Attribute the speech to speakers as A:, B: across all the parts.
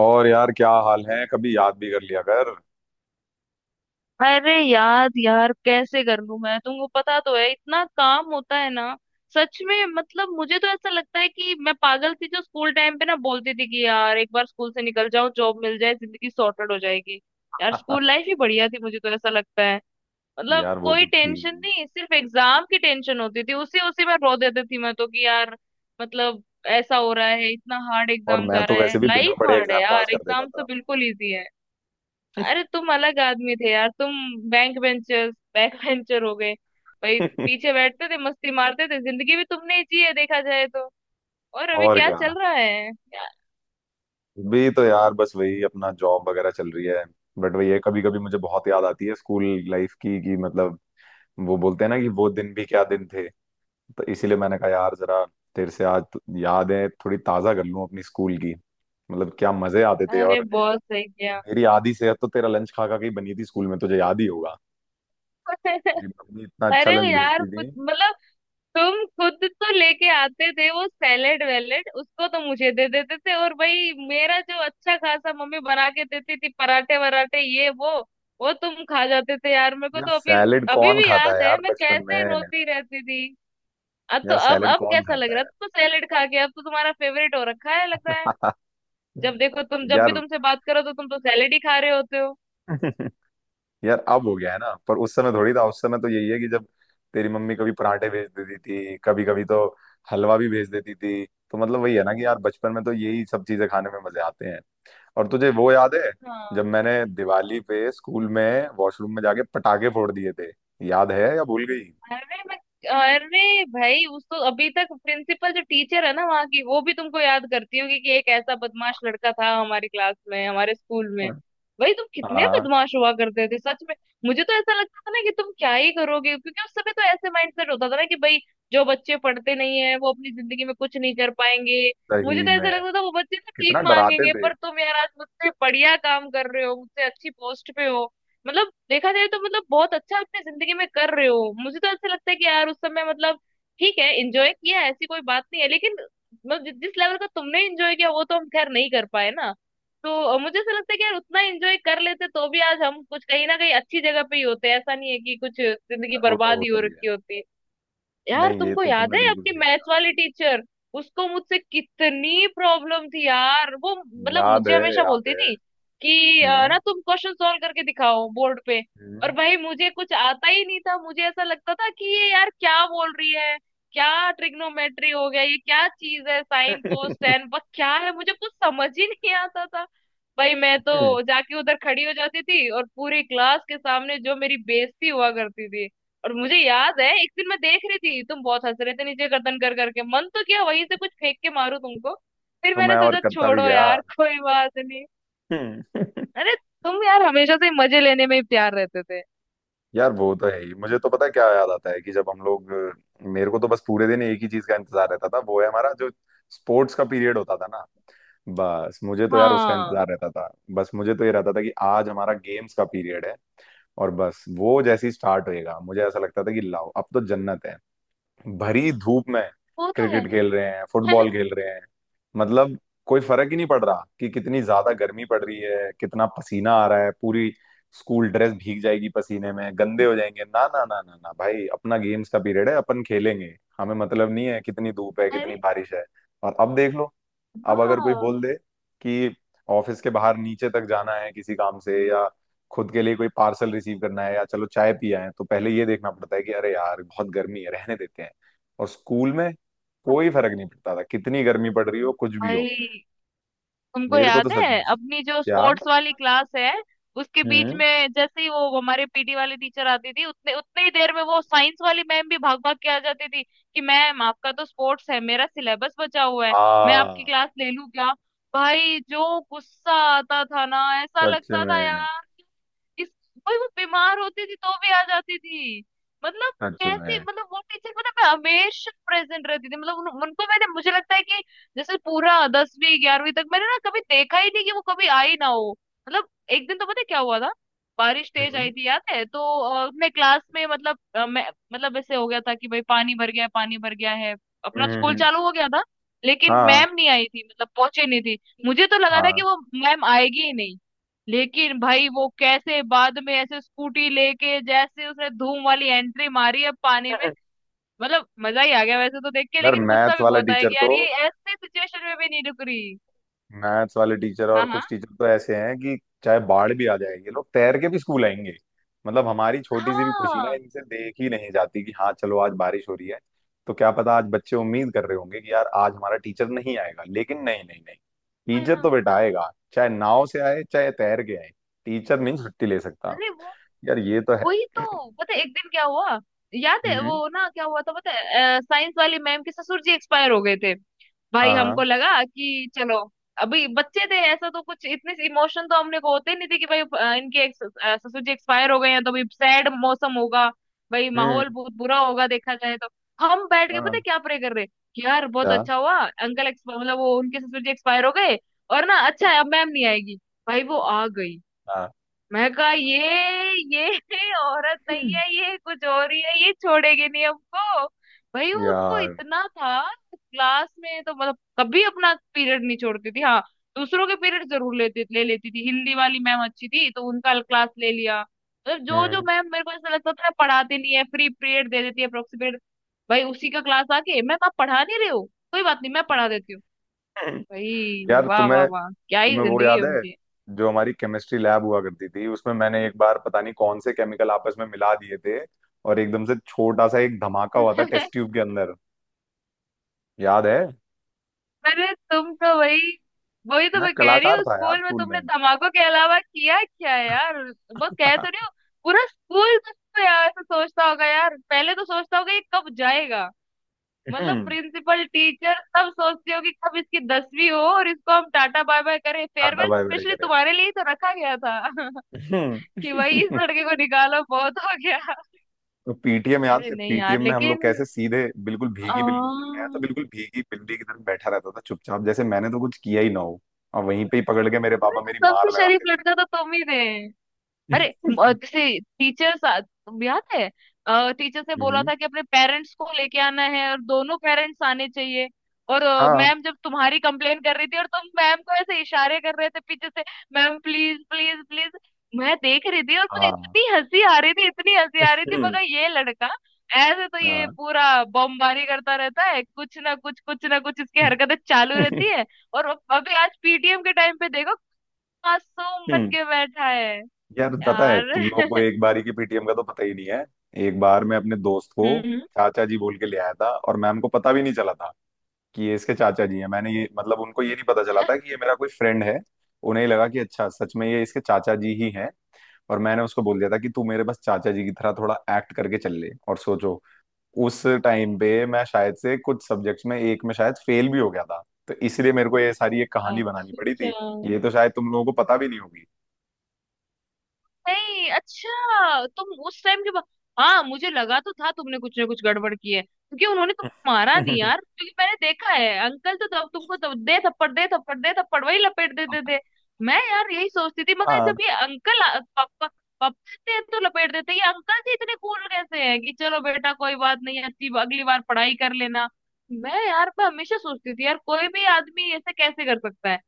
A: और यार क्या हाल है। कभी याद भी कर लिया कर।
B: अरे याद यार कैसे कर लूं? मैं तुमको पता तो है, इतना काम होता है ना। सच में, मतलब मुझे तो ऐसा लगता है कि मैं पागल थी जो स्कूल टाइम पे ना बोलती थी कि यार एक बार स्कूल से निकल जाओ, जॉब मिल जाए, जिंदगी सॉर्टेड हो जाएगी। यार स्कूल लाइफ ही बढ़िया थी, मुझे तो ऐसा लगता है। मतलब
A: यार वो
B: कोई
A: तो थी।
B: टेंशन नहीं, सिर्फ एग्जाम की टेंशन होती थी, उसी उसी में रो देती थी मैं तो कि यार, मतलब ऐसा हो रहा है, इतना हार्ड
A: और
B: एग्जाम
A: मैं
B: जा रहा
A: तो
B: है,
A: वैसे भी बिना
B: लाइफ
A: पढ़े
B: हार्ड है
A: एग्जाम पास
B: यार,
A: कर देता
B: एग्जाम तो
A: था।
B: बिल्कुल इजी है। अरे तुम अलग आदमी थे यार तुम। बैंक बेंचर्स बैक बेंचर हो गए भाई। पीछे बैठते थे, मस्ती मारते थे, जिंदगी भी तुमने ही जी है, देखा जाए तो। और अभी
A: और
B: क्या
A: क्या।
B: चल रहा है
A: भी तो यार बस वही अपना जॉब वगैरह चल रही है। बट वही है, कभी कभी मुझे बहुत याद आती है स्कूल लाइफ की, कि मतलब वो बोलते हैं ना कि वो दिन भी क्या दिन थे। तो इसीलिए मैंने कहा यार जरा तेरे से आज तो यादें थोड़ी ताजा कर लूं अपनी स्कूल की। मतलब क्या मजे आते थे।
B: अरे
A: और
B: बहुत सही किया।
A: मेरी आधी सेहत तो तेरा लंच खा खा के ही बनी थी स्कूल में, तुझे याद ही होगा। मेरी मम्मी इतना अच्छा
B: अरे
A: लंच
B: यार
A: भेजती थी।
B: कुछ मतलब तुम खुद तो लेके आते थे वो सैलेड वैलेड, उसको तो मुझे दे देते थे, और भाई मेरा जो अच्छा खासा मम्मी बना के देती थी पराठे वराठे ये वो तुम खा जाते थे यार। मेरे को
A: यार
B: तो अभी
A: सैलेड
B: अभी
A: कौन
B: भी
A: खाता है
B: याद है
A: यार
B: मैं
A: बचपन
B: कैसे
A: में।
B: रोती रहती थी। अब तो,
A: यार
B: अब
A: सैलेड
B: अब
A: कौन
B: कैसा लग
A: खाता
B: रहा है?
A: है
B: तुम तो सैलेड खा के, अब तो तुम्हारा फेवरेट हो रखा है लग रहा है।
A: यार।
B: जब देखो तुम, जब भी
A: यार
B: तुमसे बात करो तो तुम तो सैलेड ही खा रहे होते हो।
A: यार अब हो गया है ना, पर उस समय थोड़ी था। उस समय तो यही है कि जब तेरी मम्मी कभी पराठे भेज देती थी, कभी कभी तो हलवा भी भेज देती थी। तो मतलब वही है ना कि यार बचपन में तो यही सब चीजें खाने में मजे आते हैं। और तुझे वो याद है जब
B: हाँ।
A: मैंने दिवाली पे स्कूल में वॉशरूम में जाके पटाखे फोड़ दिए थे? याद है या भूल गई?
B: अरे मैं, अरे भाई उसको अभी तक प्रिंसिपल, जो टीचर है ना वहाँ की, वो भी तुमको याद करती होगी कि एक ऐसा बदमाश लड़का था हमारी क्लास में, हमारे स्कूल में। भाई तुम कितने
A: हाँ।
B: बदमाश हुआ करते थे सच में। मुझे तो ऐसा लगता था ना कि तुम क्या ही करोगे, क्योंकि उस समय तो ऐसे माइंडसेट होता था ना कि भाई जो बच्चे पढ़ते नहीं है वो अपनी जिंदगी में कुछ नहीं कर पाएंगे। मुझे
A: सही
B: तो
A: में।
B: ऐसा लगता था वो बच्चे तो
A: कितना
B: ठीक
A: डराते
B: मांगेंगे,
A: थे यार,
B: पर तुम यार आज मुझसे बढ़िया काम कर रहे हो, मुझसे अच्छी पोस्ट पे हो। मतलब देखा जाए तो, मतलब बहुत अच्छा अपनी जिंदगी में कर रहे हो। मुझे तो ऐसा लगता है कि यार उस समय, मतलब ठीक है एंजॉय किया, ऐसी कोई बात नहीं है, लेकिन मतलब जिस लेवल का तुमने एंजॉय किया वो तो हम खैर नहीं कर पाए ना। तो मुझे ऐसा लगता है कि यार उतना एंजॉय कर लेते तो भी आज हम कुछ कहीं ना कहीं अच्छी जगह पे ही होते, ऐसा नहीं है कि कुछ जिंदगी
A: वो तो
B: बर्बाद ही हो
A: होता ही है।
B: रखी होती। यार
A: नहीं, ये
B: तुमको
A: तो
B: याद
A: तुमने
B: है
A: बिल्कुल
B: अपनी
A: सही
B: मैथ वाली टीचर? उसको मुझसे कितनी प्रॉब्लम थी यार, वो मतलब
A: कहा। याद
B: मुझे
A: है।
B: हमेशा
A: याद
B: बोलती
A: है।
B: थी कि
A: हम्म।
B: ना तुम क्वेश्चन सॉल्व करके दिखाओ बोर्ड पे। और
A: हम्म।
B: भाई मुझे कुछ आता ही नहीं था, मुझे ऐसा लगता था कि ये यार क्या बोल रही है। क्या ट्रिग्नोमेट्री हो गया, ये क्या चीज है साइन कोस टेन बस, क्या है? मुझे कुछ समझ ही नहीं आता था। भाई मैं तो
A: हम्म।
B: जाके उधर खड़ी हो जाती थी और पूरी क्लास के सामने जो मेरी बेइज्जती हुआ करती थी। और मुझे याद है एक दिन, मैं देख रही थी तुम बहुत हंस रहे थे नीचे गर्दन कर करके। मन तो किया वहीं से कुछ फेंक के मारूं तुमको, फिर
A: तो
B: मैंने
A: मैं और
B: सोचा
A: करता भी
B: छोड़ो
A: गया।
B: यार कोई बात नहीं।
A: हम्म।
B: अरे तुम यार हमेशा से मजे लेने में ही प्यार रहते थे।
A: यार वो तो है ही। मुझे तो पता है क्या याद आता है कि जब हम लोग, मेरे को तो बस पूरे दिन एक ही चीज का इंतजार रहता था, वो है हमारा जो स्पोर्ट्स का पीरियड होता था ना। बस मुझे तो यार उसका
B: हाँ।
A: इंतजार रहता था। बस मुझे तो ये रहता था कि आज हमारा गेम्स का पीरियड है, और बस वो जैसे ही स्टार्ट होएगा मुझे ऐसा लगता था कि लाओ अब तो जन्नत है। भरी धूप में
B: वो तो है।
A: क्रिकेट खेल रहे हैं, फुटबॉल खेल रहे हैं। मतलब कोई फर्क ही नहीं पड़ रहा कि कितनी ज्यादा गर्मी पड़ रही है, कितना पसीना आ रहा है, पूरी स्कूल ड्रेस भीग जाएगी पसीने में, गंदे हो जाएंगे। ना ना ना ना ना भाई अपना गेम्स का पीरियड है, अपन खेलेंगे। हमें मतलब नहीं है कितनी धूप है, कितनी
B: अरे
A: बारिश है। और अब देख लो। अब अगर कोई
B: हाँ।
A: बोल दे कि ऑफिस के बाहर नीचे तक जाना है किसी काम से, या खुद के लिए कोई पार्सल रिसीव करना है, या चलो चाय पिया है, तो पहले ये देखना पड़ता है कि अरे यार बहुत गर्मी है, रहने देते हैं। और स्कूल में कोई फर्क नहीं पड़ता था कितनी गर्मी पड़ रही हो, कुछ भी
B: भाई
A: हो।
B: तुमको
A: मेरे को तो
B: याद है
A: सच में।
B: अपनी जो
A: क्या।
B: स्पोर्ट्स वाली क्लास है, उसके बीच
A: हम्म।
B: में जैसे ही वो हमारे पीटी वाली टीचर आती थी, उतने उतने ही देर में वो साइंस वाली मैम भी भाग भाग के आ जाती थी कि मैम आपका तो स्पोर्ट्स है, मेरा सिलेबस बचा हुआ है, मैं आपकी
A: हाँ।
B: क्लास ले लूं क्या? भाई जो गुस्सा आता था ना, ऐसा
A: सच
B: लगता था
A: में।
B: यार इस, भाई वो बीमार होती थी तो भी आ जाती थी। मतलब
A: सच
B: कैसे,
A: में।
B: मतलब वो टीचर, मतलब मैं हमेशा प्रेजेंट रहती थी, मतलब उनको मैंने, मुझे लगता है कि जैसे पूरा दसवीं ग्यारहवीं तक मैंने ना कभी देखा ही नहीं कि वो कभी आई ना हो। मतलब एक दिन तो पता है क्या हुआ था, बारिश तेज
A: हम्म
B: आई थी याद है तो, मैं क्लास में, मतलब मैं, मतलब ऐसे हो गया था कि भाई पानी भर गया है, पानी भर गया है, अपना
A: हम्म
B: स्कूल
A: हम्म,
B: चालू हो गया था लेकिन
A: हाँ।
B: मैम नहीं आई थी, मतलब पहुंचे नहीं थी। मुझे तो लगा था
A: हाँ।
B: कि वो मैम आएगी ही नहीं, लेकिन भाई वो कैसे बाद में ऐसे स्कूटी लेके जैसे उसने धूम वाली एंट्री मारी है पानी में। मतलब मजा ही आ गया वैसे तो देख के,
A: अगर
B: लेकिन गुस्सा
A: मैथ्स
B: भी
A: वाला
B: बहुत आया
A: टीचर
B: कि
A: तो,
B: यार ये ऐसे सिचुएशन में भी नहीं रुक रही।
A: मैथ्स वाले टीचर
B: हाँ
A: और
B: हाँ
A: कुछ टीचर तो ऐसे हैं कि चाहे बाढ़ भी आ जाए ये लोग तैर के भी स्कूल आएंगे। मतलब हमारी छोटी सी भी खुशी ना
B: हाँ
A: इनसे देख ही नहीं जाती, कि हाँ चलो आज बारिश हो रही है, तो क्या पता आज बच्चे उम्मीद कर रहे होंगे कि यार आज हमारा टीचर नहीं आएगा, लेकिन नहीं नहीं नहीं,
B: हाँ।
A: टीचर तो बेटा आएगा, चाहे नाव से आए चाहे तैर के आए। टीचर नहीं छुट्टी ले सकता।
B: अरे वो,
A: यार ये तो है।
B: वही तो पता है एक दिन क्या हुआ। याद है
A: हम्म।
B: वो ना क्या हुआ था? पता है, साइंस वाली मैम के ससुर जी एक्सपायर हो गए थे। भाई
A: हाँ। हाँ।
B: हमको लगा कि चलो, अभी बच्चे थे, ऐसा तो कुछ इतने इमोशन तो हमने को होते ही नहीं थे कि भाई इनके ससुर जी एक्सपायर हो गए हैं तो भी सैड मौसम होगा, भाई
A: हम्म।
B: माहौल बहुत बुरा होगा देखा जाए तो। हम बैठ के पता
A: हाँ।
B: है क्या प्रे कर रहे कि यार बहुत
A: क्या?
B: अच्छा हुआ अंकल एक्स, मतलब वो उनके ससुर जी एक्सपायर हो गए, और ना अच्छा है अब मैम नहीं आएगी। भाई वो आ गई,
A: हाँ।
B: मैं कहा ये औरत नहीं
A: हम्म।
B: है, ये कुछ और ही है, ये छोड़ेगी नहीं हमको। भाई उनको
A: यार।
B: इतना था, क्लास में तो मतलब कभी अपना पीरियड नहीं छोड़ती थी, हाँ, दूसरों के पीरियड जरूर लेती ले लेती थी। हिंदी वाली मैम अच्छी थी तो उनका क्लास ले लिया, मतलब जो जो
A: हम्म।
B: मैम मेरे को ऐसा लगता था पढ़ाती नहीं है, फ्री पीरियड दे देती है अप्रोक्सीमेट, भाई उसी का क्लास आके, मैं आप पढ़ा नहीं रहे हो कोई बात नहीं मैं पढ़ा देती हूँ। भाई
A: यार
B: वाह वाह
A: तुम्हें
B: वाह, क्या ही
A: तुम्हें वो
B: जिंदगी है
A: याद है
B: उनकी।
A: जो हमारी केमिस्ट्री लैब हुआ करती थी, उसमें मैंने एक बार पता नहीं कौन से केमिकल आपस में मिला दिए थे, और एकदम से छोटा सा एक धमाका हुआ था टेस्ट ट्यूब के अंदर। याद है?
B: अरे तुम तो वही वही तो
A: मैं
B: मैं कह रही
A: कलाकार
B: हूँ,
A: था यार
B: स्कूल में
A: स्कूल में।
B: तुमने धमाकों के अलावा किया क्या यार, वो कह तो रही हूँ। पूरा स्कूल तो यार ऐसा सोचता होगा यार, पहले तो सोचता होगा ये कब जाएगा। मतलब
A: हम्म।
B: प्रिंसिपल, टीचर सब सोचते हो कि कब इसकी दसवीं हो और इसको हम टाटा बाय बाय करें।
A: टाटा
B: फेयरवेल
A: बाय बाय
B: स्पेशली
A: करे।
B: तुम्हारे लिए ही तो रखा गया था। कि भाई इस
A: हम्म।
B: लड़के को निकालो बहुत हो गया।
A: तो पीटीएम याद
B: अरे
A: है?
B: नहीं यार
A: पीटीएम में हम लोग
B: लेकिन
A: कैसे सीधे बिल्कुल
B: आ,
A: भीगी बिल। मैं तो बिल्कुल भीगी बिल्ली की तरह बैठा रहता था चुपचाप, जैसे मैंने तो कुछ किया ही ना हो। और वहीं पे ही पकड़ के मेरे
B: अरे
A: पापा मेरी मार
B: सबसे शरीफ
A: लगाते थे।
B: लड़का तो तुम ही थे। अरे जैसे टीचर्स, याद है टीचर्स ने बोला
A: हम्म।
B: था कि अपने पेरेंट्स को लेके आना है और दोनों पेरेंट्स आने चाहिए, और
A: हाँ।
B: मैम जब तुम्हारी कंप्लेन कर रही थी और तुम मैम को ऐसे इशारे कर रहे थे पीछे से, मैम प्लीज प्लीज प्लीज। मैं देख रही थी और मुझे
A: हाँ।
B: इतनी हंसी आ रही थी, इतनी हंसी आ रही थी,
A: हम्म।
B: मगर ये लड़का ऐसे तो ये
A: हाँ।
B: पूरा बमबारी करता रहता है, कुछ ना कुछ इसकी हरकतें चालू रहती है। और अभी आज पीटीएम के टाइम पे देखो, मासूम बन
A: हम्म।
B: के बैठा है
A: यार पता है
B: यार।
A: तुम लोगों को एक बारी के पीटीएम का तो पता ही नहीं है। एक बार मैं अपने दोस्त को
B: हम्म।
A: चाचा जी बोल के ले आया था, और मैम को पता भी नहीं चला था कि ये इसके चाचा जी हैं। मैंने ये, मतलब उनको ये नहीं पता चला था कि ये मेरा कोई फ्रेंड है। उन्हें ही लगा कि अच्छा सच में ये इसके चाचा जी ही हैं। और मैंने उसको बोल दिया था कि तू मेरे बस चाचा जी की तरह थोड़ा एक्ट करके चल ले। और सोचो, उस टाइम पे मैं शायद से कुछ सब्जेक्ट्स में, एक में शायद फेल भी हो गया था, तो इसलिए मेरे को ये सारी एक कहानी बनानी पड़ी
B: अच्छा?
A: थी। ये तो शायद तुम लोगों को पता भी नहीं होगी।
B: नहीं, अच्छा, तुम उस टाइम के बाद, हाँ, मुझे लगा तो था तुमने कुछ ना कुछ गड़बड़ की है क्योंकि उन्होंने तुमको मारा नहीं यार, क्योंकि मैंने देखा है अंकल तो तब तुमको तब दे थप्पड़ दे थप्पड़ दे थप्पड़ वही लपेट देते थे। मैं यार यही सोचती थी मगर
A: हाँ।
B: जब ये अंकल पापा, पापा देते हैं तो लपेट देते हैं। ये अंकल जी इतने कूल कैसे हैं कि चलो बेटा कोई बात नहीं, अच्छी अगली बार पढ़ाई कर लेना। मैं यार मैं हमेशा सोचती थी यार कोई भी आदमी ऐसे कैसे कर सकता है?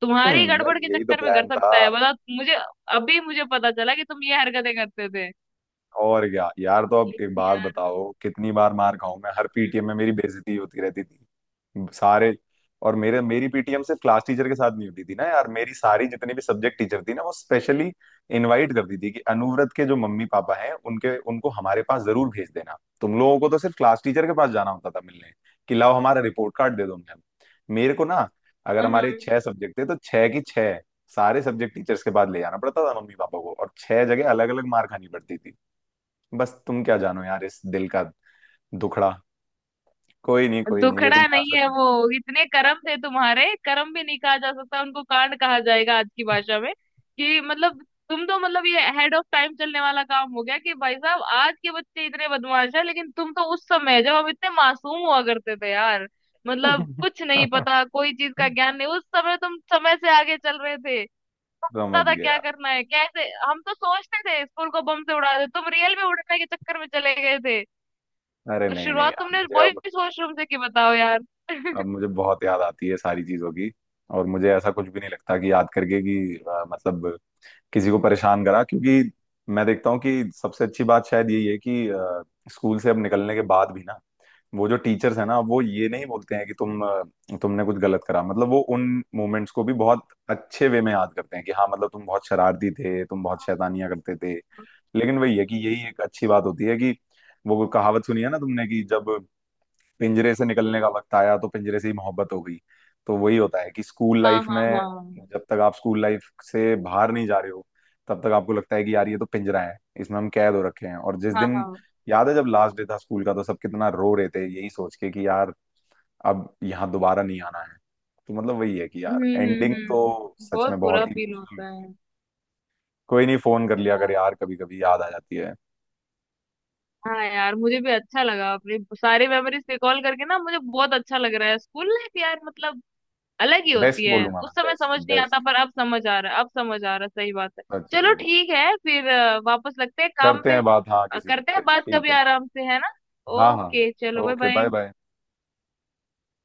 B: तुम्हारी
A: हम्म, यार
B: गड़बड़ के
A: यही तो
B: चक्कर में कर
A: प्लान था।
B: सकता है बता मुझे? अभी मुझे पता चला कि तुम ये हरकतें करते थे।
A: और क्या यार, तो अब एक
B: लेकिन
A: बात
B: यार,
A: बताओ, कितनी बार मार खाऊं मैं? हर पीटीएम में मेरी बेइज्जती होती रहती थी। सारे, और मेरे मेरी पीटीएम सिर्फ क्लास टीचर के साथ नहीं होती थी ना यार। मेरी सारी जितनी भी सब्जेक्ट टीचर थी ना, वो स्पेशली इनवाइट करती थी कि अनुव्रत के जो मम्मी पापा हैं उनके उनको हमारे पास जरूर भेज देना। तुम लोगों को तो सिर्फ क्लास टीचर के पास जाना होता था मिलने, कि लाओ हमारा रिपोर्ट कार्ड दे दो मैम। मेरे को ना, अगर
B: हाँ,
A: हमारे छह सब्जेक्ट थे तो छह की छह, सारे सब्जेक्ट टीचर्स के पास ले जाना पड़ता था मम्मी पापा को, और छह जगह अलग अलग मार खानी पड़ती थी। बस तुम क्या जानो यार इस दिल का दुखड़ा। कोई नहीं कोई नहीं, लेकिन
B: दुखड़ा
A: यार
B: नहीं
A: सच
B: है वो, इतने कर्म थे तुम्हारे, कर्म भी नहीं कहा जा सकता, उनको कांड कहा जाएगा आज की भाषा में। कि मतलब तुम तो, मतलब ये हेड ऑफ टाइम चलने वाला काम हो गया कि भाई साहब आज के बच्चे इतने बदमाश है, लेकिन तुम तो उस समय, जब हम इतने मासूम हुआ करते थे यार, मतलब
A: में।
B: कुछ नहीं पता, कोई चीज का ज्ञान नहीं, उस समय तुम समय से आगे चल रहे थे
A: समझ
B: दादा। क्या
A: गया।
B: करना है कैसे, हम तो सोचते थे स्कूल को बम से उड़ा दे, तुम रियल में उड़ने के चक्कर में चले गए थे।
A: अरे
B: और
A: नहीं नहीं
B: शुरुआत
A: यार
B: तुमने
A: मुझे अब
B: बॉयज वॉशरूम से की, बताओ यार।
A: अब मुझे बहुत याद आती है सारी चीजों की। और मुझे ऐसा कुछ भी नहीं लगता कि याद करके कि मतलब किसी को परेशान करा, क्योंकि मैं देखता हूँ कि सबसे अच्छी बात शायद यही है कि स्कूल से अब निकलने के बाद भी ना वो जो टीचर्स है ना, वो ये नहीं बोलते हैं कि तुमने कुछ गलत करा। मतलब वो उन मोमेंट्स को भी बहुत अच्छे वे में याद करते हैं कि हाँ मतलब तुम बहुत शरारती थे, तुम बहुत शैतानियां करते थे। लेकिन वही है कि यही एक अच्छी बात होती है कि वो कहावत सुनी है ना तुमने कि जब पिंजरे से निकलने का वक्त आया तो पिंजरे से ही मोहब्बत हो गई। तो वही होता है कि स्कूल
B: हाँ
A: लाइफ
B: हाँ
A: में,
B: हाँ
A: जब तक आप स्कूल लाइफ से बाहर नहीं जा रहे हो तब तक आपको लगता है कि यार ये तो पिंजरा है, इसमें हम कैद हो रखे हैं। और जिस
B: हाँ
A: दिन,
B: हाँ।
A: याद है जब लास्ट डे था स्कूल का तो सब कितना रो रहे थे, यही सोच के कि यार अब यहाँ दोबारा नहीं आना है। तो मतलब वही है कि यार एंडिंग तो
B: हम्म,
A: सच में
B: बहुत बुरा
A: बहुत ही
B: फील
A: इमोशनल।
B: होता है।
A: कोई नहीं, फोन कर लिया अगर, यार कभी कभी याद आ जाती है।
B: हाँ यार मुझे भी अच्छा लगा अपने सारे मेमोरीज रिकॉल करके ना, मुझे बहुत अच्छा लग रहा है। स्कूल लाइफ यार, मतलब अलग ही होती
A: बेस्ट
B: है,
A: बोलूंगा
B: उस
A: मैं,
B: समय
A: बेस्ट
B: समझ नहीं आता
A: बेस्ट।
B: पर अब समझ आ रहा है, अब समझ आ रहा है, सही बात है।
A: सच
B: चलो
A: में।
B: ठीक है फिर, वापस लगते हैं काम
A: करते
B: पे।
A: हैं बात, हाँ किसी दिन
B: करते
A: पे,
B: हैं बात कभी
A: ठीक है।
B: आराम से, है ना?
A: हाँ हाँ।
B: ओके
A: हाँ
B: चलो bye
A: okay bye
B: bye.
A: Bye.